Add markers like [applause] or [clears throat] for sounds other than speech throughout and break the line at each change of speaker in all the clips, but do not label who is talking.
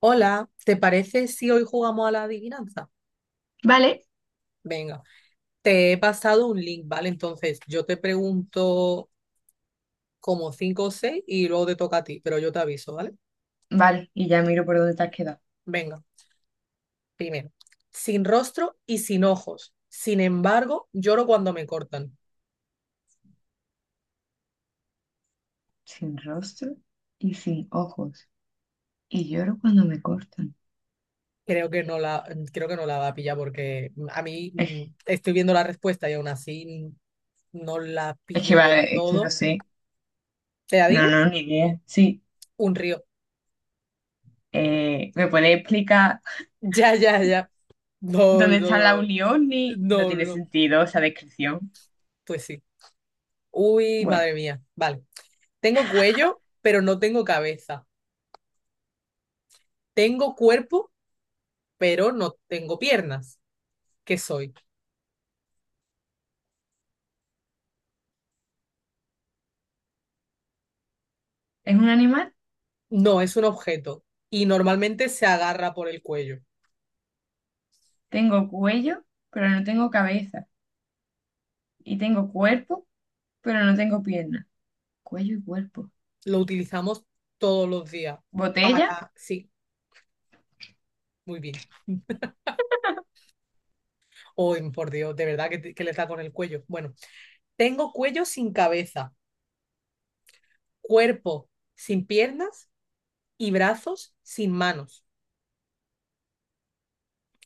Hola, ¿te parece si hoy jugamos a la adivinanza?
Vale,
Venga, te he pasado un link, ¿vale? Entonces yo te pregunto como cinco o seis y luego te toca a ti, pero yo te aviso, ¿vale?
vale, y ya miro por dónde te has quedado.
Venga, primero. Sin rostro y sin ojos. Sin embargo, lloro cuando me cortan.
Sin rostro y sin ojos. Y lloro cuando me cortan.
Creo que no la, creo que no la va a pillar porque a mí
Es,
estoy viendo la respuesta y aún así no la
es que
pillo del
vale, es que no
todo.
sé.
¿Te la
No,
digo?
no, ni idea. Sí.
Un río. [laughs]
¿Me puedes explicar
Ya, ya, ya. No,
dónde está la
no,
unión? Ni... No
no, no,
tiene
no.
sentido esa descripción.
Pues sí. Uy,
Bueno,
madre mía. Vale. Tengo cuello, pero no tengo cabeza. Tengo cuerpo, pero no tengo piernas. ¿Qué soy?
es un animal.
No, es un objeto y normalmente se agarra por el cuello.
Tengo cuello, pero no tengo cabeza. Y tengo cuerpo, pero no tengo piernas. Cuello y cuerpo.
Lo utilizamos todos los días
Botella,
para... Sí, muy bien. Uy, por Dios, de verdad que, que le está con el cuello. Bueno, tengo cuello sin cabeza, cuerpo sin piernas y brazos sin manos.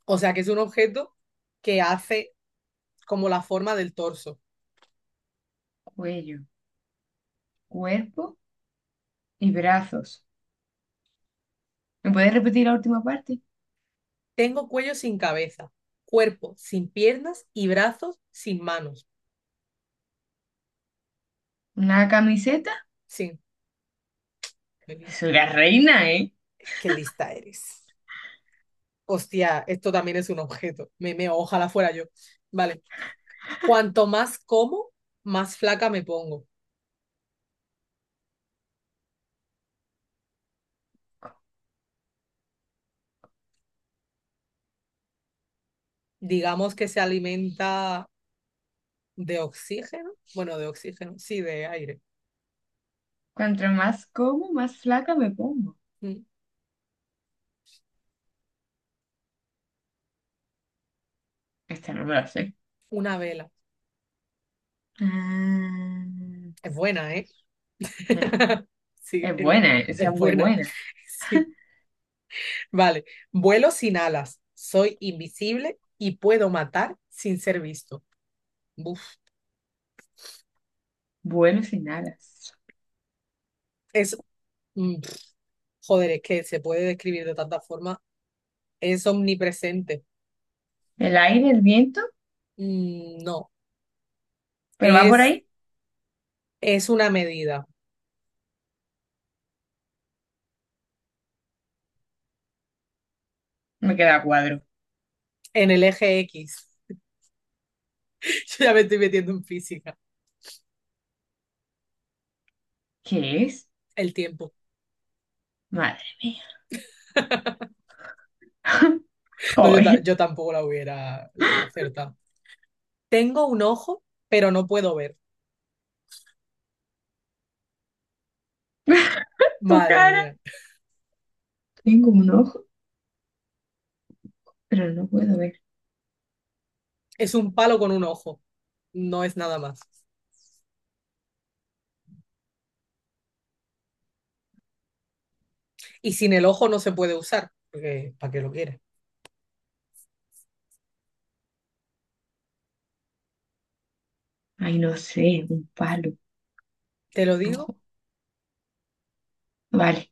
O sea que es un objeto que hace como la forma del torso.
cuello, cuerpo y brazos. ¿Me puedes repetir la última parte?
Tengo cuello sin cabeza, cuerpo sin piernas y brazos sin manos.
¿Una camiseta?
Sí,
Soy la reina, ¿eh?
qué lista eres. Hostia, esto también es un objeto. Me meo, ojalá fuera yo. Vale. Cuanto más como, más flaca me pongo. Digamos que se alimenta de oxígeno. Bueno, de oxígeno, sí, de aire.
Cuanto más como, más flaca me pongo.
Mm,
Esta no me la sé.
Una vela.
Ah,
Es buena, ¿eh? [laughs] Sí,
es
es
buena, ¿eh?
buena,
Esa
es
es muy
buena. [laughs]
buena.
Sí. Vale, vuelo sin alas, soy invisible y puedo matar sin ser visto. Buf,
Vuelo sin alas.
es, mm, pf, joder, es que se puede describir de tanta forma. Es omnipresente.
El aire, el viento,
No,
pero va por
es,
ahí,
es una medida
me queda a cuadro.
en el eje X. [laughs] Yo ya me estoy metiendo en física.
¿Qué es?
El tiempo.
Madre mía. [laughs]
No, yo, ta-
Joder,
yo tampoco la hubiera acertado. Tengo un ojo, pero no puedo ver.
tu
Madre
cara.
mía.
Tengo un ojo, pero no puedo ver.
Es un palo con un ojo. No es nada más. Y sin el ojo no se puede usar, porque ¿para qué lo quieres?
Ay, no sé, un palo,
Te lo
un
digo,
ojo. Vale,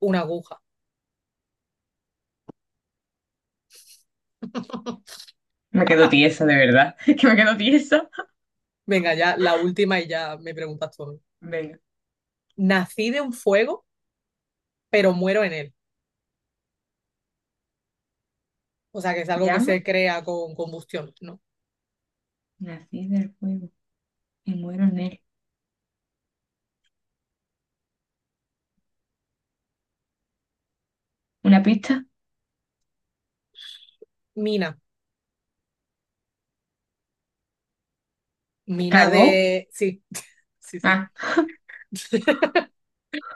una aguja. [laughs]
me quedo tiesa, de verdad. [laughs] Que me quedo tiesa.
Venga, ya la última y ya me preguntas tú.
Venga,
Nací de un fuego, pero muero en él. O sea, que es algo que
llama,
se crea con combustión, ¿no?
nací del fuego. Me muero en él. ¿Una pista?
Mina, mina
¿Carbón?
de... Sí, sí, sí.
Ah,
[laughs]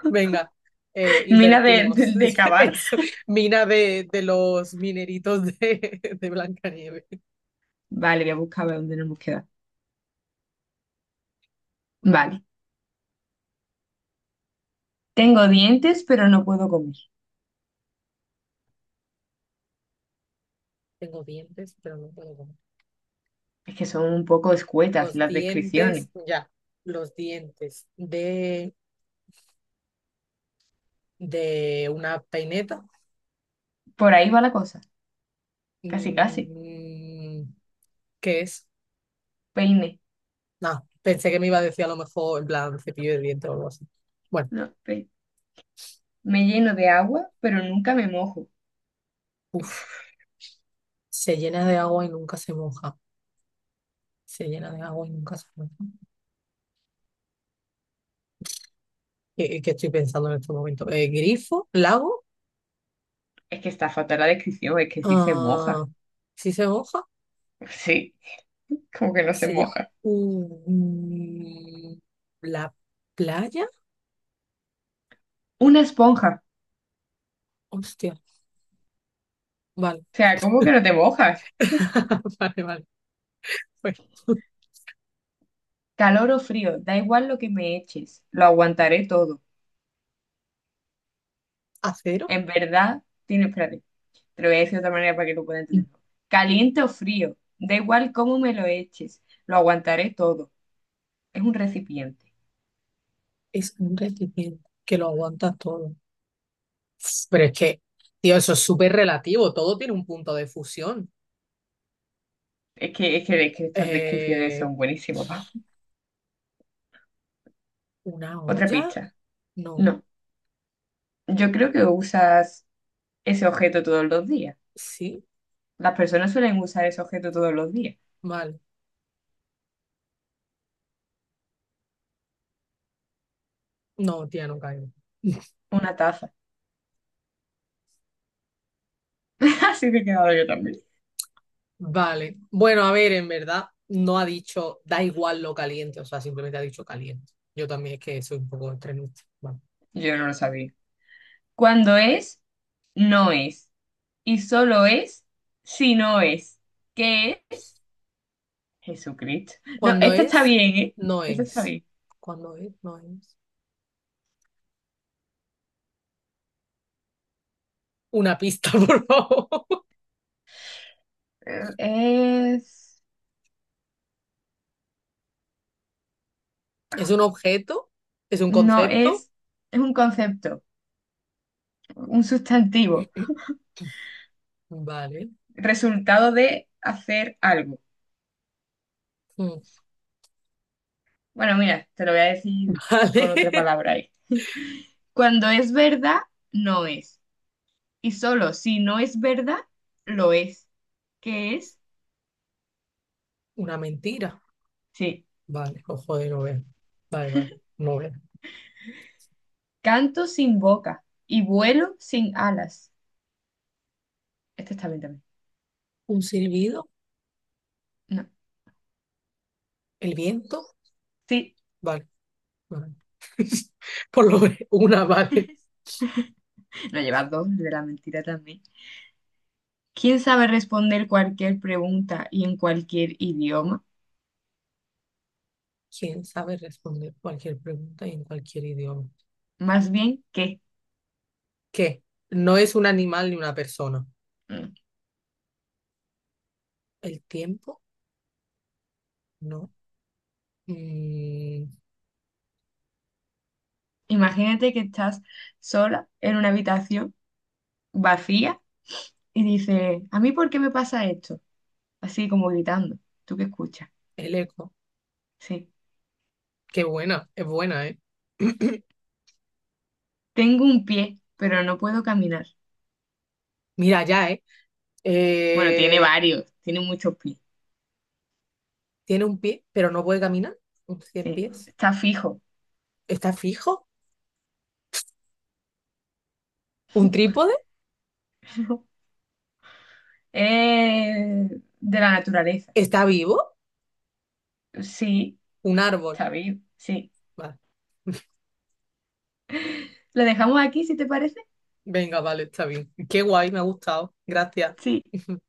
Venga,
[laughs] mina de,
invertimos.
de, de
[laughs]
cavar.
Eso, Mina de los mineritos de Blancanieves.
Vale, voy a buscar a ver dónde nos hemos quedado. Vale. Tengo dientes, pero no puedo comer.
Tengo dientes, pero no puedo comer.
Es que son un poco escuetas
Los
las
dientes,
descripciones.
ya, los dientes de una peineta.
Por ahí va la cosa. Casi, casi.
Mm, ¿Qué es?
Peine.
No, pensé que me iba a decir a lo mejor en plan cepillo de dientes o algo así. Bueno,
No, me lleno de agua, pero nunca me mojo.
uff, se llena de agua y nunca se moja. Se llena de agua y nunca se moja. ¿Qué estoy pensando en este momento? ¿Grifo? ¿Lago?
Es que está fatal la descripción, es que sí se
Ah,
moja. [laughs]
¿sí se moja?
Sí, como que no se
Se llama...
moja.
Mm, ¿la playa?
Una esponja.
Hostia, vale.
O sea, ¿cómo que no te mojas?
[laughs] Vale, vale. Pues [laughs]
Calor o frío, da igual lo que me eches, lo aguantaré todo.
acero
En verdad, tiene, espérate, te lo voy a decir de otra manera para que lo puedas entender. Caliente o frío, da igual cómo me lo eches, lo aguantaré todo. Es un recipiente.
es un recipiente que lo aguanta todo. Pero es que, tío, eso es súper relativo. Todo tiene un punto de fusión.
Es que estas descripciones
Eh,
son buenísimas, Pau.
¿Una
Otra
olla?
pista.
No.
No, yo creo que usas ese objeto todos los días.
¿Sí?
Las personas suelen usar ese objeto todos los días.
Vale. No, tía, no caigo.
Una taza. [laughs] Así me he quedado yo también.
Vale. Bueno, a ver, en verdad, no ha dicho da igual lo caliente. O sea, simplemente ha dicho caliente. Yo también es que soy un poco extremista. Vale.
Yo no lo sabía. Cuando es, no es. Y solo es si no es. ¿Qué es? Jesucristo. No,
Cuando
esta está
es,
bien, ¿eh?
no
Esta está
es.
bien.
Cuando es, no es. Una pista, [laughs] por favor.
Es,
¿Es un objeto? ¿Es un
no
concepto?
es, es un concepto, un sustantivo,
Vale.
resultado de hacer algo.
Mm,
Bueno, mira, te lo voy a decir
[laughs]
con otra
Vale.
palabra ahí. Cuando es verdad, no es. Y solo si no es verdad, lo es. ¿Qué es?
Una mentira.
Sí.
Vale. Oh, joder, no veo. Vale, vale. No veo.
Canto sin boca y vuelo sin alas. Este está bien también.
¿Un silbido?
No.
¿El viento?
Sí,
Vale, vale. [laughs] Por lo menos una, vale.
no llevas dos de la mentira también. ¿Quién sabe responder cualquier pregunta y en cualquier idioma?
¿Quién sabe responder cualquier pregunta y en cualquier idioma?
Más bien que,
¿Qué? No es un animal ni una persona.
mm,
¿El tiempo? No. Mm,
imagínate que estás sola en una habitación vacía y dices, ¿a mí por qué me pasa esto? Así como gritando. ¿Tú qué escuchas?
el eco.
Sí.
Qué buena. Es buena, ¿eh? [clears throat]
Tengo un pie, pero no puedo caminar.
Mira, ya, ¿eh?
Bueno, tiene
Eh,
varios, tiene muchos pies.
tiene un pie, pero no puede caminar, un cien
Sí.
pies.
Está fijo.
¿Está fijo? ¿Un trípode?
[laughs] Es de la naturaleza.
¿Está vivo?
Sí,
¿Un árbol?
está vivo. Sí.
Vale.
¿Lo dejamos aquí si te parece?
Venga, vale, está bien. Qué guay, me ha gustado. Gracias.
Sí.
[laughs]